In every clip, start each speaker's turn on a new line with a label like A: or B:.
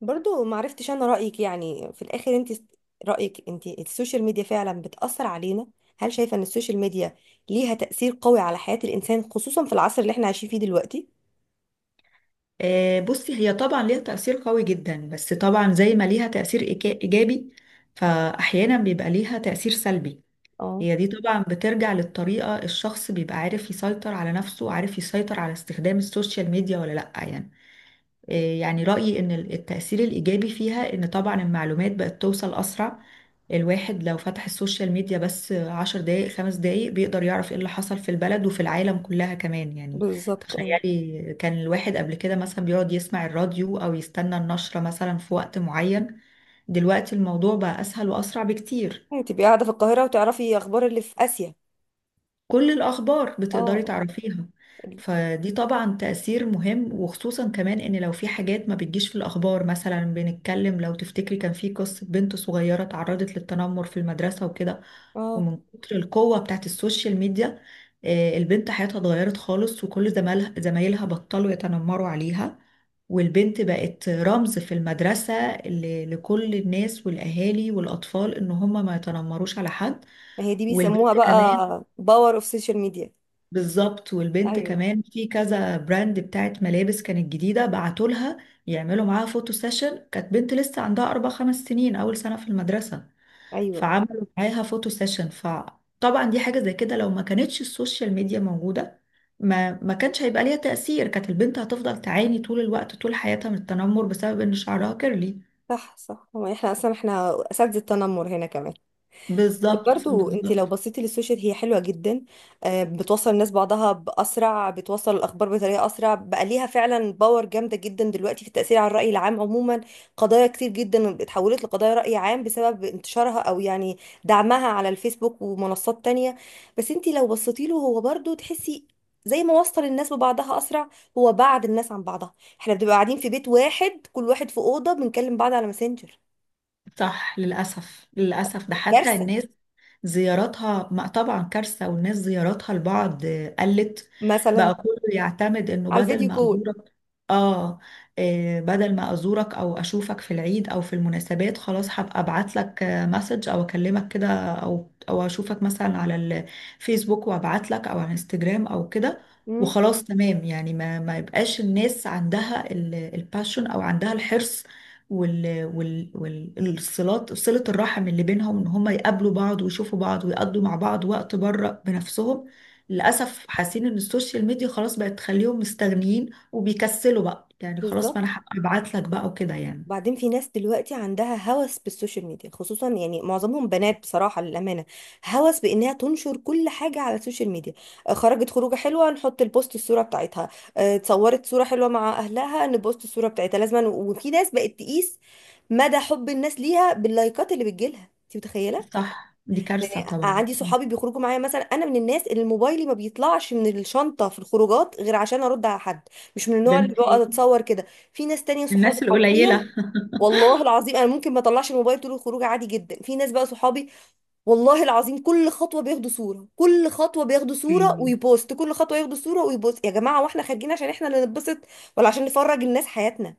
A: برضو معرفتش انا رأيك، في الاخر انت. رأيك انت السوشيال ميديا فعلا بتأثر علينا؟ هل شايفة ان السوشيال ميديا ليها تأثير قوي على حياة الانسان، خصوصا في العصر اللي احنا عايشين فيه دلوقتي؟
B: آه، بصي هي طبعا ليها تأثير قوي جدا، بس طبعا زي ما ليها تأثير إيجابي، فأحيانا بيبقى ليها تأثير سلبي.
A: اه.
B: هي دي طبعا بترجع للطريقة الشخص بيبقى عارف يسيطر على نفسه وعارف يسيطر على استخدام السوشيال ميديا ولا لأ يعني. آه، يعني رأيي إن التأثير الإيجابي فيها إن طبعا المعلومات بقت توصل أسرع. الواحد لو فتح السوشيال ميديا بس 10 دقايق 5 دقايق بيقدر يعرف إيه اللي حصل في البلد وفي العالم كلها كمان يعني.
A: بالظبط، ايوه.
B: تخيلي كان الواحد قبل كده مثلا بيقعد يسمع الراديو أو يستنى النشرة مثلا في وقت معين، دلوقتي الموضوع بقى أسهل وأسرع بكتير.
A: يعني تبقي قاعدة في القاهرة وتعرفي اخبار اللي في آسيا.
B: كل الأخبار
A: اه،
B: بتقدري
A: آه،
B: تعرفيها.
A: ال-
B: فدي طبعا تأثير مهم، وخصوصا كمان إن لو في حاجات ما بتجيش في الأخبار مثلا، بنتكلم لو تفتكري كان في قصة بنت صغيرة تعرضت للتنمر في المدرسة وكده.
A: اه
B: ومن كتر القوة بتاعت السوشيال ميديا، آه، البنت حياتها اتغيرت خالص، وكل زمالها زمايلها بطلوا يتنمروا عليها، والبنت بقت رمز في المدرسة لكل الناس والأهالي والأطفال إن هم ما يتنمروش على حد.
A: ما هي دي بيسموها
B: والبنت كمان
A: بقى باور اوف سوشيال ميديا.
B: بالظبط، والبنت
A: ايوه.
B: كمان في كذا براند بتاعت ملابس كانت جديدة بعتوا لها يعملوا معاها فوتو سيشن. كانت بنت لسه عندها 4 5 سنين، أول سنة في المدرسة،
A: ايوه،
B: فعملوا معاها فوتو سيشن. فطبعا دي حاجة زي كده لو ما كانتش السوشيال ميديا موجودة ما كانش هيبقى ليها تأثير، كانت البنت هتفضل تعاني طول الوقت طول حياتها من التنمر بسبب إن شعرها كيرلي.
A: صح صح. هو احنا اصلا احنا اساتذة التنمر هنا كمان.
B: بالظبط
A: برضو انت
B: بالظبط.
A: لو بصيتي للسوشيال هي حلوه جدا. آه، بتوصل الناس بعضها باسرع، بتوصل الاخبار بطريقه اسرع، بقى ليها فعلا باور جامده جدا دلوقتي في التاثير على الراي العام عموما. قضايا كتير جدا اتحولت لقضايا راي عام بسبب انتشارها، او دعمها على الفيسبوك ومنصات تانية. بس انت لو بصيتي له، هو برضو تحسي زي ما وصل الناس ببعضها اسرع، هو بعد الناس عن بعضها. احنا بنبقى قاعدين في بيت واحد كل واحد في اوضه، بنكلم بعض على ماسنجر.
B: صح، للأسف للأسف، ده حتى
A: كارثه.
B: الناس زياراتها ما طبعا كارثة، والناس زياراتها لبعض قلت.
A: مثلا
B: بقى كله يعتمد انه
A: على
B: بدل
A: الفيديو
B: ما
A: كول.
B: ازورك، اه، آه، بدل ما ازورك او اشوفك في العيد او في المناسبات خلاص هبقى ابعت لك مسج او اكلمك كده، او اشوفك مثلا على الفيسبوك وابعت لك، او على انستجرام او كده، وخلاص تمام يعني. ما يبقاش الناس عندها الباشن او عندها الحرص والصلات، صلة الرحم اللي بينهم، ان هم يقابلوا بعض ويشوفوا بعض ويقضوا مع بعض وقت بره بنفسهم. للأسف حاسين ان السوشيال ميديا خلاص بقت تخليهم مستغنيين وبيكسلوا بقى، يعني خلاص
A: بالظبط.
B: ما انا هبقى ابعت لك بقى وكده يعني.
A: وبعدين في ناس دلوقتي عندها هوس بالسوشيال ميديا، خصوصا معظمهم بنات، بصراحة للأمانة. هوس بإنها تنشر كل حاجة على السوشيال ميديا. آه، خرجت خروجة حلوة نحط البوست الصورة بتاعتها. آه، اتصورت صورة حلوة مع أهلها نبوست الصورة بتاعتها لازما. وفي ناس بقت تقيس مدى حب الناس ليها باللايكات اللي بتجيلها. انت متخيلة؟
B: صح، دي كارثة طبعا.
A: عندي صحابي بيخرجوا معايا. مثلا انا من الناس اللي موبايلي ما بيطلعش من الشنطة في الخروجات غير عشان ارد على حد. مش من
B: ده
A: النوع اللي
B: انت
A: بقعد اتصور كده. في ناس تانية
B: من
A: صحابي
B: الناس
A: حرفيا،
B: القليلة.
A: والله العظيم، انا ممكن ما اطلعش الموبايل طول الخروج عادي جدا. في ناس بقى صحابي، والله العظيم، كل خطوه بياخدوا صوره، كل خطوه بياخدوا صوره ويبوست، كل خطوه ياخدوا صوره ويبوست. يا جماعه، واحنا خارجين عشان احنا اللي نتبسط ولا عشان نفرج الناس حياتنا؟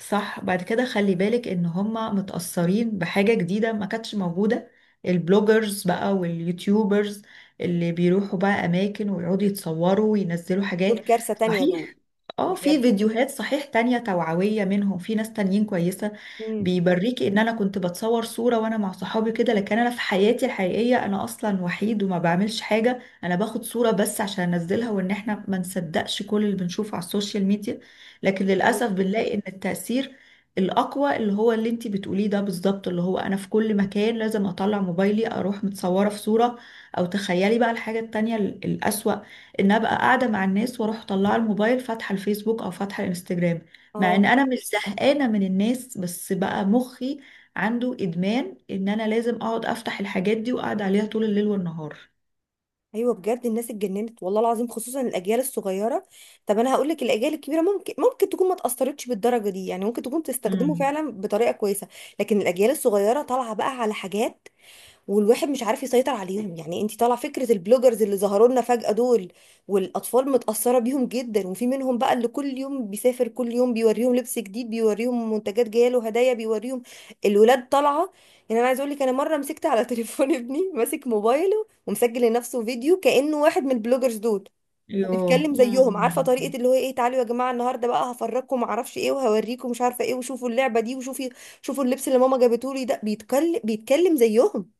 B: صح، بعد كده خلي بالك ان هما متأثرين بحاجة جديدة ما كانتش موجودة، البلوجرز بقى واليوتيوبرز اللي بيروحوا بقى اماكن ويقعدوا يتصوروا وينزلوا
A: دول
B: حاجات.
A: كارثه تانية
B: صحيح،
A: دول.
B: اه، في
A: بجد.
B: فيديوهات صحيح تانية توعوية منهم، في ناس تانيين كويسة
A: امم
B: بيوريكي ان انا كنت بتصور صورة وانا مع صحابي كده، لكن انا في حياتي الحقيقية انا اصلا وحيد وما بعملش حاجة، انا باخد صورة بس عشان انزلها، وان احنا ما نصدقش كل اللي بنشوفه على السوشيال ميديا. لكن للأسف
A: ايوه.
B: بنلاقي ان التأثير الأقوى اللي هو اللي انتي بتقوليه ده بالظبط، اللي هو انا في كل مكان لازم اطلع موبايلي اروح متصورة في صورة. او تخيلي بقى الحاجة التانية الأسوأ، ان ابقى قاعده مع الناس واروح طالعه الموبايل فاتحه الفيسبوك او فاتحه الانستجرام، مع ان
A: اه.
B: انا مش زهقانه من الناس، بس بقى مخي عنده ادمان ان انا لازم اقعد افتح الحاجات دي واقعد عليها طول الليل والنهار.
A: ايوه، بجد الناس اتجننت والله العظيم، خصوصا الاجيال الصغيره. طب انا هقول لك، الاجيال الكبيره ممكن تكون ما اتاثرتش بالدرجه دي، ممكن تكون بتستخدمه
B: مم.
A: فعلا بطريقه كويسه. لكن الاجيال الصغيره طالعه بقى على حاجات والواحد مش عارف يسيطر عليهم. انت طالعه فكره البلوجرز اللي ظهروا لنا فجأة دول؟ والاطفال متأثره بيهم جدا. وفي منهم بقى اللي كل يوم بيسافر، كل يوم بيوريهم لبس جديد، بيوريهم منتجات جايه له هدايا، بيوريهم الولاد طالعه. انا عايزه اقول لك، انا مره مسكت على تليفون ابني ماسك موبايله ومسجل لنفسه فيديو كأنه واحد من البلوجرز دول.
B: يوه
A: وبيتكلم زيهم،
B: مم.
A: عارفه طريقه اللي هو ايه، تعالوا يا جماعه، النهارده بقى هفرجكم معرفش ايه، وهوريكم مش عارفه ايه، وشوفوا اللعبه دي، شوفوا اللبس اللي ماما جابته لي ده. بيتكلم زيهم.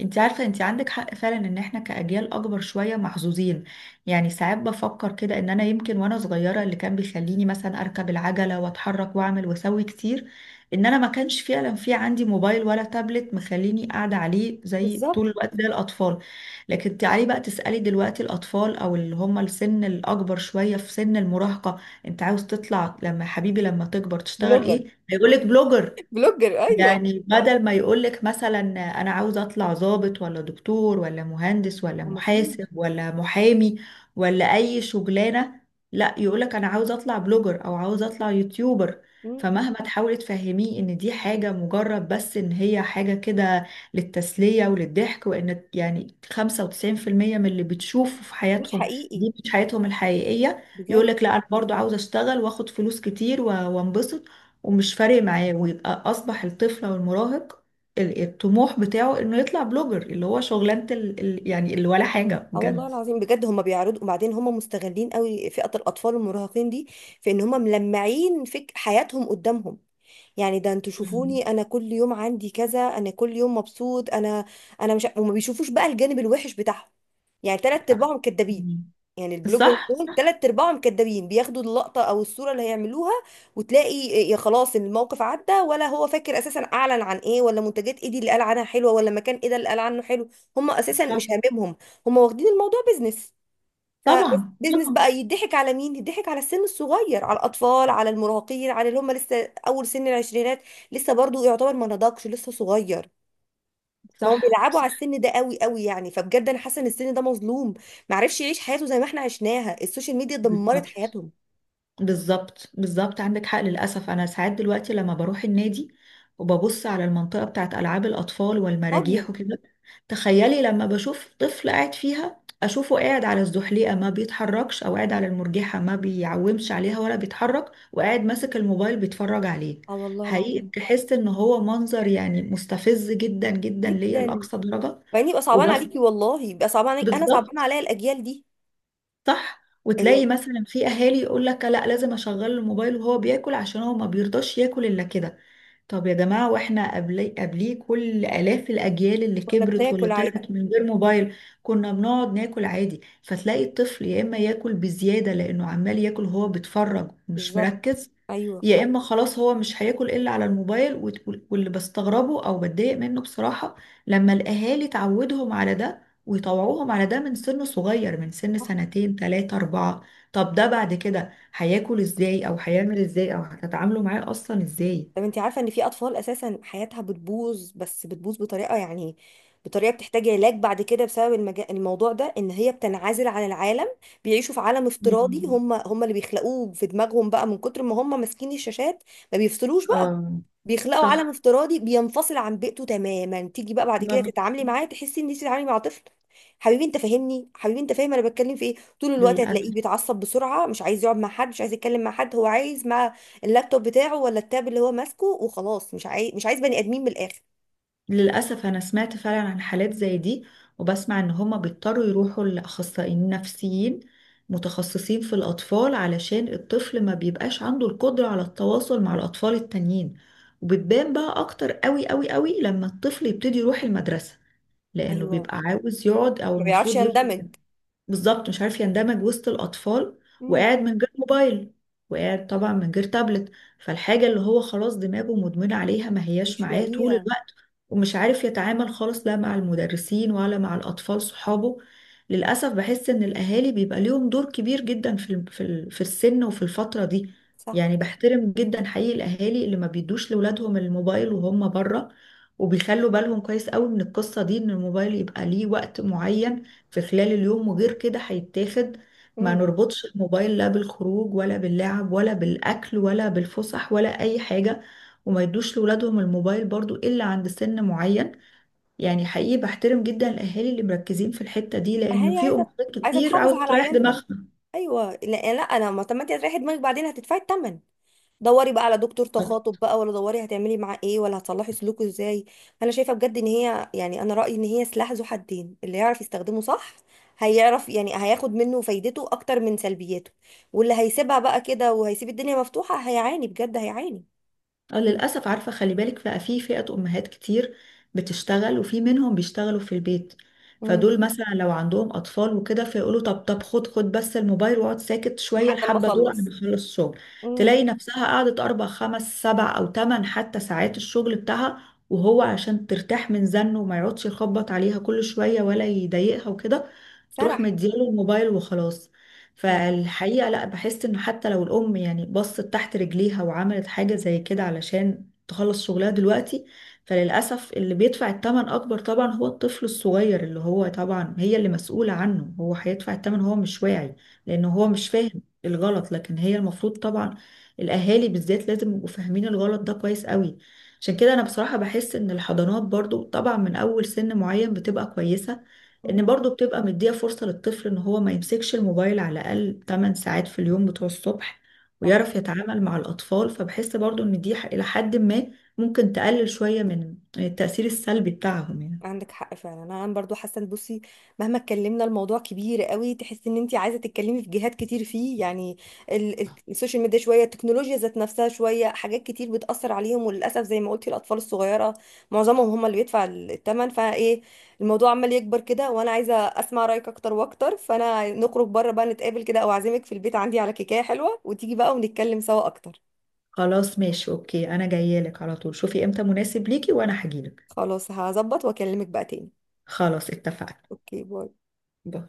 B: انت عارفة انت عندك حق فعلا ان احنا كأجيال اكبر شوية محظوظين. يعني ساعات بفكر كده ان انا يمكن وانا صغيرة اللي كان بيخليني مثلا اركب العجلة واتحرك واعمل واسوي كتير، ان انا ما كانش فعلا في عندي موبايل ولا تابلت مخليني قاعدة عليه زي
A: بالظبط.
B: طول الوقت زي الاطفال. لكن تعالي بقى تسألي دلوقتي الاطفال او اللي هم السن الاكبر شوية في سن المراهقة، انت عاوز تطلع لما حبيبي لما تكبر تشتغل
A: بلوجر.
B: ايه، هيقولك بلوجر.
A: بلوجر، ايوه.
B: يعني بدل ما يقولك مثلا أنا عاوز أطلع ضابط ولا دكتور ولا مهندس ولا
A: هو
B: محاسب
A: مفيش.
B: ولا محامي ولا أي شغلانة، لا يقولك أنا عاوز أطلع بلوجر أو عاوز أطلع يوتيوبر.
A: مم.
B: فمهما تحاولي تفهميه إن دي حاجة مجرد بس، إن هي حاجة كده للتسلية وللضحك، وإن يعني 95% من اللي بتشوفه في
A: مش
B: حياتهم
A: حقيقي.
B: دي مش حياتهم الحقيقية،
A: بجد.
B: يقولك لا أنا برضو عاوز أشتغل وآخد فلوس كتير وأنبسط، ومش فارق معاه، ويبقى اصبح الطفل او المراهق الطموح بتاعه انه يطلع بلوجر، اللي هو شغلانة يعني اللي ولا حاجة
A: اه والله
B: بجد.
A: العظيم، بجد هم بيعرضوا. وبعدين هم مستغلين قوي فئة الاطفال المراهقين دي، في ان هم ملمعين فك حياتهم قدامهم. يعني ده انتوا
B: مم.
A: شوفوني، انا كل يوم عندي كذا، انا كل يوم مبسوط انا انا. مش ع- وما بيشوفوش بقى الجانب الوحش بتاعهم. يعني تلات
B: صح.
A: ارباعهم كدابين.
B: مم.
A: يعني البلوجرز
B: صح
A: دول
B: صح.
A: تلات ارباعهم كدابين، بياخدوا اللقطة او الصورة اللي هيعملوها وتلاقي يا خلاص الموقف عدى، ولا هو فاكر اساسا اعلن عن ايه، ولا منتجات ايه دي اللي قال عنها حلوة، ولا مكان ايه ده اللي قال عنه حلو. هم اساسا
B: صح،
A: مش هاممهم. هم واخدين الموضوع بيزنس. فبس
B: طبعا
A: بيزنس
B: طبعا.
A: بقى، يضحك على مين؟ يضحك على السن الصغير، على الاطفال، على المراهقين، على اللي هم لسه اول سن العشرينات. لسه برضو يعتبر ما نضجش، لسه صغير. فهم
B: صح
A: بيلعبوا على
B: صح.
A: السن ده قوي قوي. فبجد انا حاسه ان السن ده مظلوم، ما عرفش يعيش حياته زي ما احنا عشناها. السوشيال ميديا دمرت
B: بالظبط
A: حياتهم.
B: بالظبط. بالظبط عندك حق، للأسف أنا ساعات دلوقتي لما بروح النادي وببص على المنطقة بتاعت ألعاب الأطفال
A: فاضيه.
B: والمراجيح وكده، تخيلي لما بشوف طفل قاعد فيها، أشوفه قاعد على الزحليقة ما بيتحركش، أو قاعد على المرجحة ما بيعومش عليها ولا بيتحرك، وقاعد ماسك الموبايل بيتفرج عليه.
A: اه والله
B: حقيقي
A: العظيم.
B: بحس إن هو منظر يعني مستفز جدا جدا ليا
A: جدا.
B: لأقصى درجة.
A: بعدين يبقى صعبان
B: وبس
A: عليكي والله، يبقى صعبان عليك، انا صعبان
B: بالظبط.
A: عليا الاجيال دي.
B: صح،
A: يعني
B: وتلاقي مثلا في اهالي يقول لك لا لازم اشغل الموبايل وهو بياكل عشان هو ما بيرضاش ياكل الا كده. طب يا جماعة، واحنا قبلي قبليه كل آلاف الأجيال اللي
A: كنا
B: كبرت واللي
A: بناكل عادي.
B: طلعت من غير موبايل، كنا بنقعد ناكل عادي. فتلاقي الطفل يا إما ياكل بزيادة لأنه عمال ياكل هو بيتفرج مش
A: بالظبط.
B: مركز،
A: ايوه.
B: يا إما خلاص هو مش هياكل إلا على الموبايل. واللي بستغربه أو بتضايق منه بصراحة لما الأهالي تعودهم على ده ويطوعوهم على ده من سن صغير، من سن 2 3 4، طب ده بعد كده هياكل إزاي أو هيعمل إزاي أو هتتعاملوا معاه أصلا إزاي؟
A: طب انت عارفة ان في اطفال اساسا حياتها بتبوظ، بس بتبوظ بطريقة، بطريقة بتحتاج علاج بعد كده، بسبب الموضوع ده، ان هي بتنعزل عن العالم. بيعيشوا في عالم افتراضي
B: مم.
A: هم هم اللي بيخلقوه في دماغهم، بقى من كتر ما هم ماسكين الشاشات ما بيفصلوش بقى.
B: آه.
A: بيخلقوا عالم
B: صح.
A: افتراضي بينفصل عن بيئته تماما. تيجي بقى بعد
B: ما
A: كده
B: بي...
A: تتعاملي معاه، تحسي ان انت بتتعاملي مع طفل. حبيبي انت فاهمني، حبيبي انت فاهم انا بتكلم في ايه. طول الوقت
B: للأسف.
A: هتلاقيه بيتعصب بسرعه، مش عايز يقعد مع حد، مش عايز يتكلم مع حد، هو عايز مع اللابتوب بتاعه ولا التاب اللي هو ماسكه. وخلاص مش عايز بني ادمين من الاخر.
B: للأسف أنا سمعت فعلا عن حالات زي دي، وبسمع إن هما بيضطروا يروحوا لأخصائيين نفسيين متخصصين في الأطفال علشان الطفل ما بيبقاش عنده القدرة على التواصل مع الأطفال التانيين. وبتبان بقى أكتر قوي قوي قوي لما الطفل يبتدي يروح المدرسة، لأنه
A: ايوه،
B: بيبقى عاوز يقعد أو
A: ما بيعرفش
B: المفروض
A: يندمج.
B: يفضل. بالظبط، مش عارف يندمج وسط الأطفال، وقاعد
A: امم.
B: من غير موبايل، وقاعد طبعا من غير تابلت، فالحاجة اللي هو خلاص دماغه مدمنة عليها ما هياش
A: مش
B: معاه طول
A: لاقيها.
B: الوقت، ومش عارف يتعامل خالص لا مع المدرسين ولا مع الأطفال صحابه. للأسف بحس إن الأهالي بيبقى ليهم دور كبير جدا في السن وفي الفترة دي.
A: صح.
B: يعني بحترم جدا حقيقي الأهالي اللي ما بيدوش لأولادهم الموبايل وهم بره، وبيخلوا بالهم كويس قوي من القصة دي إن الموبايل يبقى ليه وقت معين في خلال اليوم، وغير كده هيتاخد. ما
A: امم.
B: نربطش الموبايل لا بالخروج ولا باللعب ولا بالأكل ولا بالفسح ولا أي حاجة، وما يدوش لولادهم الموبايل برضو إلا عند سن معين. يعني حقيقي بحترم جدا الأهالي اللي مركزين في الحتة دي، لأن
A: هي
B: في
A: عايزه،
B: أمهات
A: عايزه
B: كتير
A: تحافظ
B: عاوزة
A: على
B: تريح
A: عيالها.
B: دماغها.
A: ايوه، لا, لا، انا ما. طب ما انت هتريحي دماغك بعدين هتدفعي الثمن. دوري بقى على دكتور تخاطب بقى، ولا دوري هتعملي معاه ايه، ولا هتصلحي سلوكه ازاي. انا شايفه بجد ان هي، انا رايي ان هي سلاح ذو حدين، اللي يعرف يستخدمه صح هيعرف هياخد منه فايدته اكتر من سلبياته. واللي هيسيبها بقى كده وهيسيب الدنيا مفتوحه هيعاني، بجد هيعاني.
B: آه، للأسف، عارفة خلي بالك بقى، في فئة أمهات كتير بتشتغل، وفي منهم بيشتغلوا في البيت،
A: امم.
B: فدول مثلا لو عندهم أطفال وكده فيقولوا طب طب خد خد بس الموبايل واقعد ساكت شوية
A: لحد ما
B: الحبة دول أنا
A: اخلص.
B: بخلص شغل.
A: امم.
B: تلاقي نفسها قعدت أربع خمس سبع أو تمن حتى ساعات، الشغل بتاعها، وهو عشان ترتاح من زنه وما يقعدش يخبط عليها كل شوية ولا يضايقها وكده، تروح
A: سرح.
B: مدياله الموبايل وخلاص.
A: لا.
B: فالحقيقة لا، بحس انه حتى لو الام يعني بصت تحت رجليها وعملت حاجة زي كده علشان تخلص شغلها دلوقتي، فللأسف اللي بيدفع الثمن أكبر طبعا هو الطفل الصغير اللي هو طبعا هي اللي مسؤولة عنه، هو هيدفع الثمن، هو مش واعي لأنه هو
A: صح.
B: مش فاهم الغلط، لكن هي المفروض طبعا، الأهالي بالذات، لازم يبقوا فاهمين الغلط ده كويس قوي. عشان كده أنا بصراحة بحس إن الحضانات برضو طبعا من أول سن معين بتبقى كويسة، ان
A: امم.
B: برضو بتبقى مدية فرصة للطفل ان هو ما يمسكش الموبايل على الاقل 8 ساعات في اليوم بتوع الصبح،
A: صح.
B: ويعرف يتعامل مع الاطفال. فبحس برضو ان دي الى حد ما ممكن تقلل شوية من التأثير السلبي بتاعهم يعني.
A: عندك حق فعلا. انا برضو حاسه ان بصي، مهما اتكلمنا الموضوع كبير قوي. تحسي ان انت عايزه تتكلمي في جهات كتير فيه. السوشيال ميديا شويه، التكنولوجيا ذات نفسها شويه، حاجات كتير بتاثر عليهم. وللاسف زي ما قلتي، الاطفال الصغيره معظمهم هم اللي بيدفع الثمن. فايه، الموضوع عمال يكبر كده وانا عايزه اسمع رايك اكتر واكتر. فانا نخرج بره بقى، نتقابل كده او اعزمك في البيت عندي على كيكه حلوه، وتيجي بقى ونتكلم سوا اكتر.
B: خلاص ماشي، اوكي، انا جاية لك على طول، شوفي امتى مناسب ليكي وانا هجيلك.
A: خلاص، هظبط واكلمك بقى تاني.
B: خلاص اتفقنا.
A: اوكي، باي.
B: باي.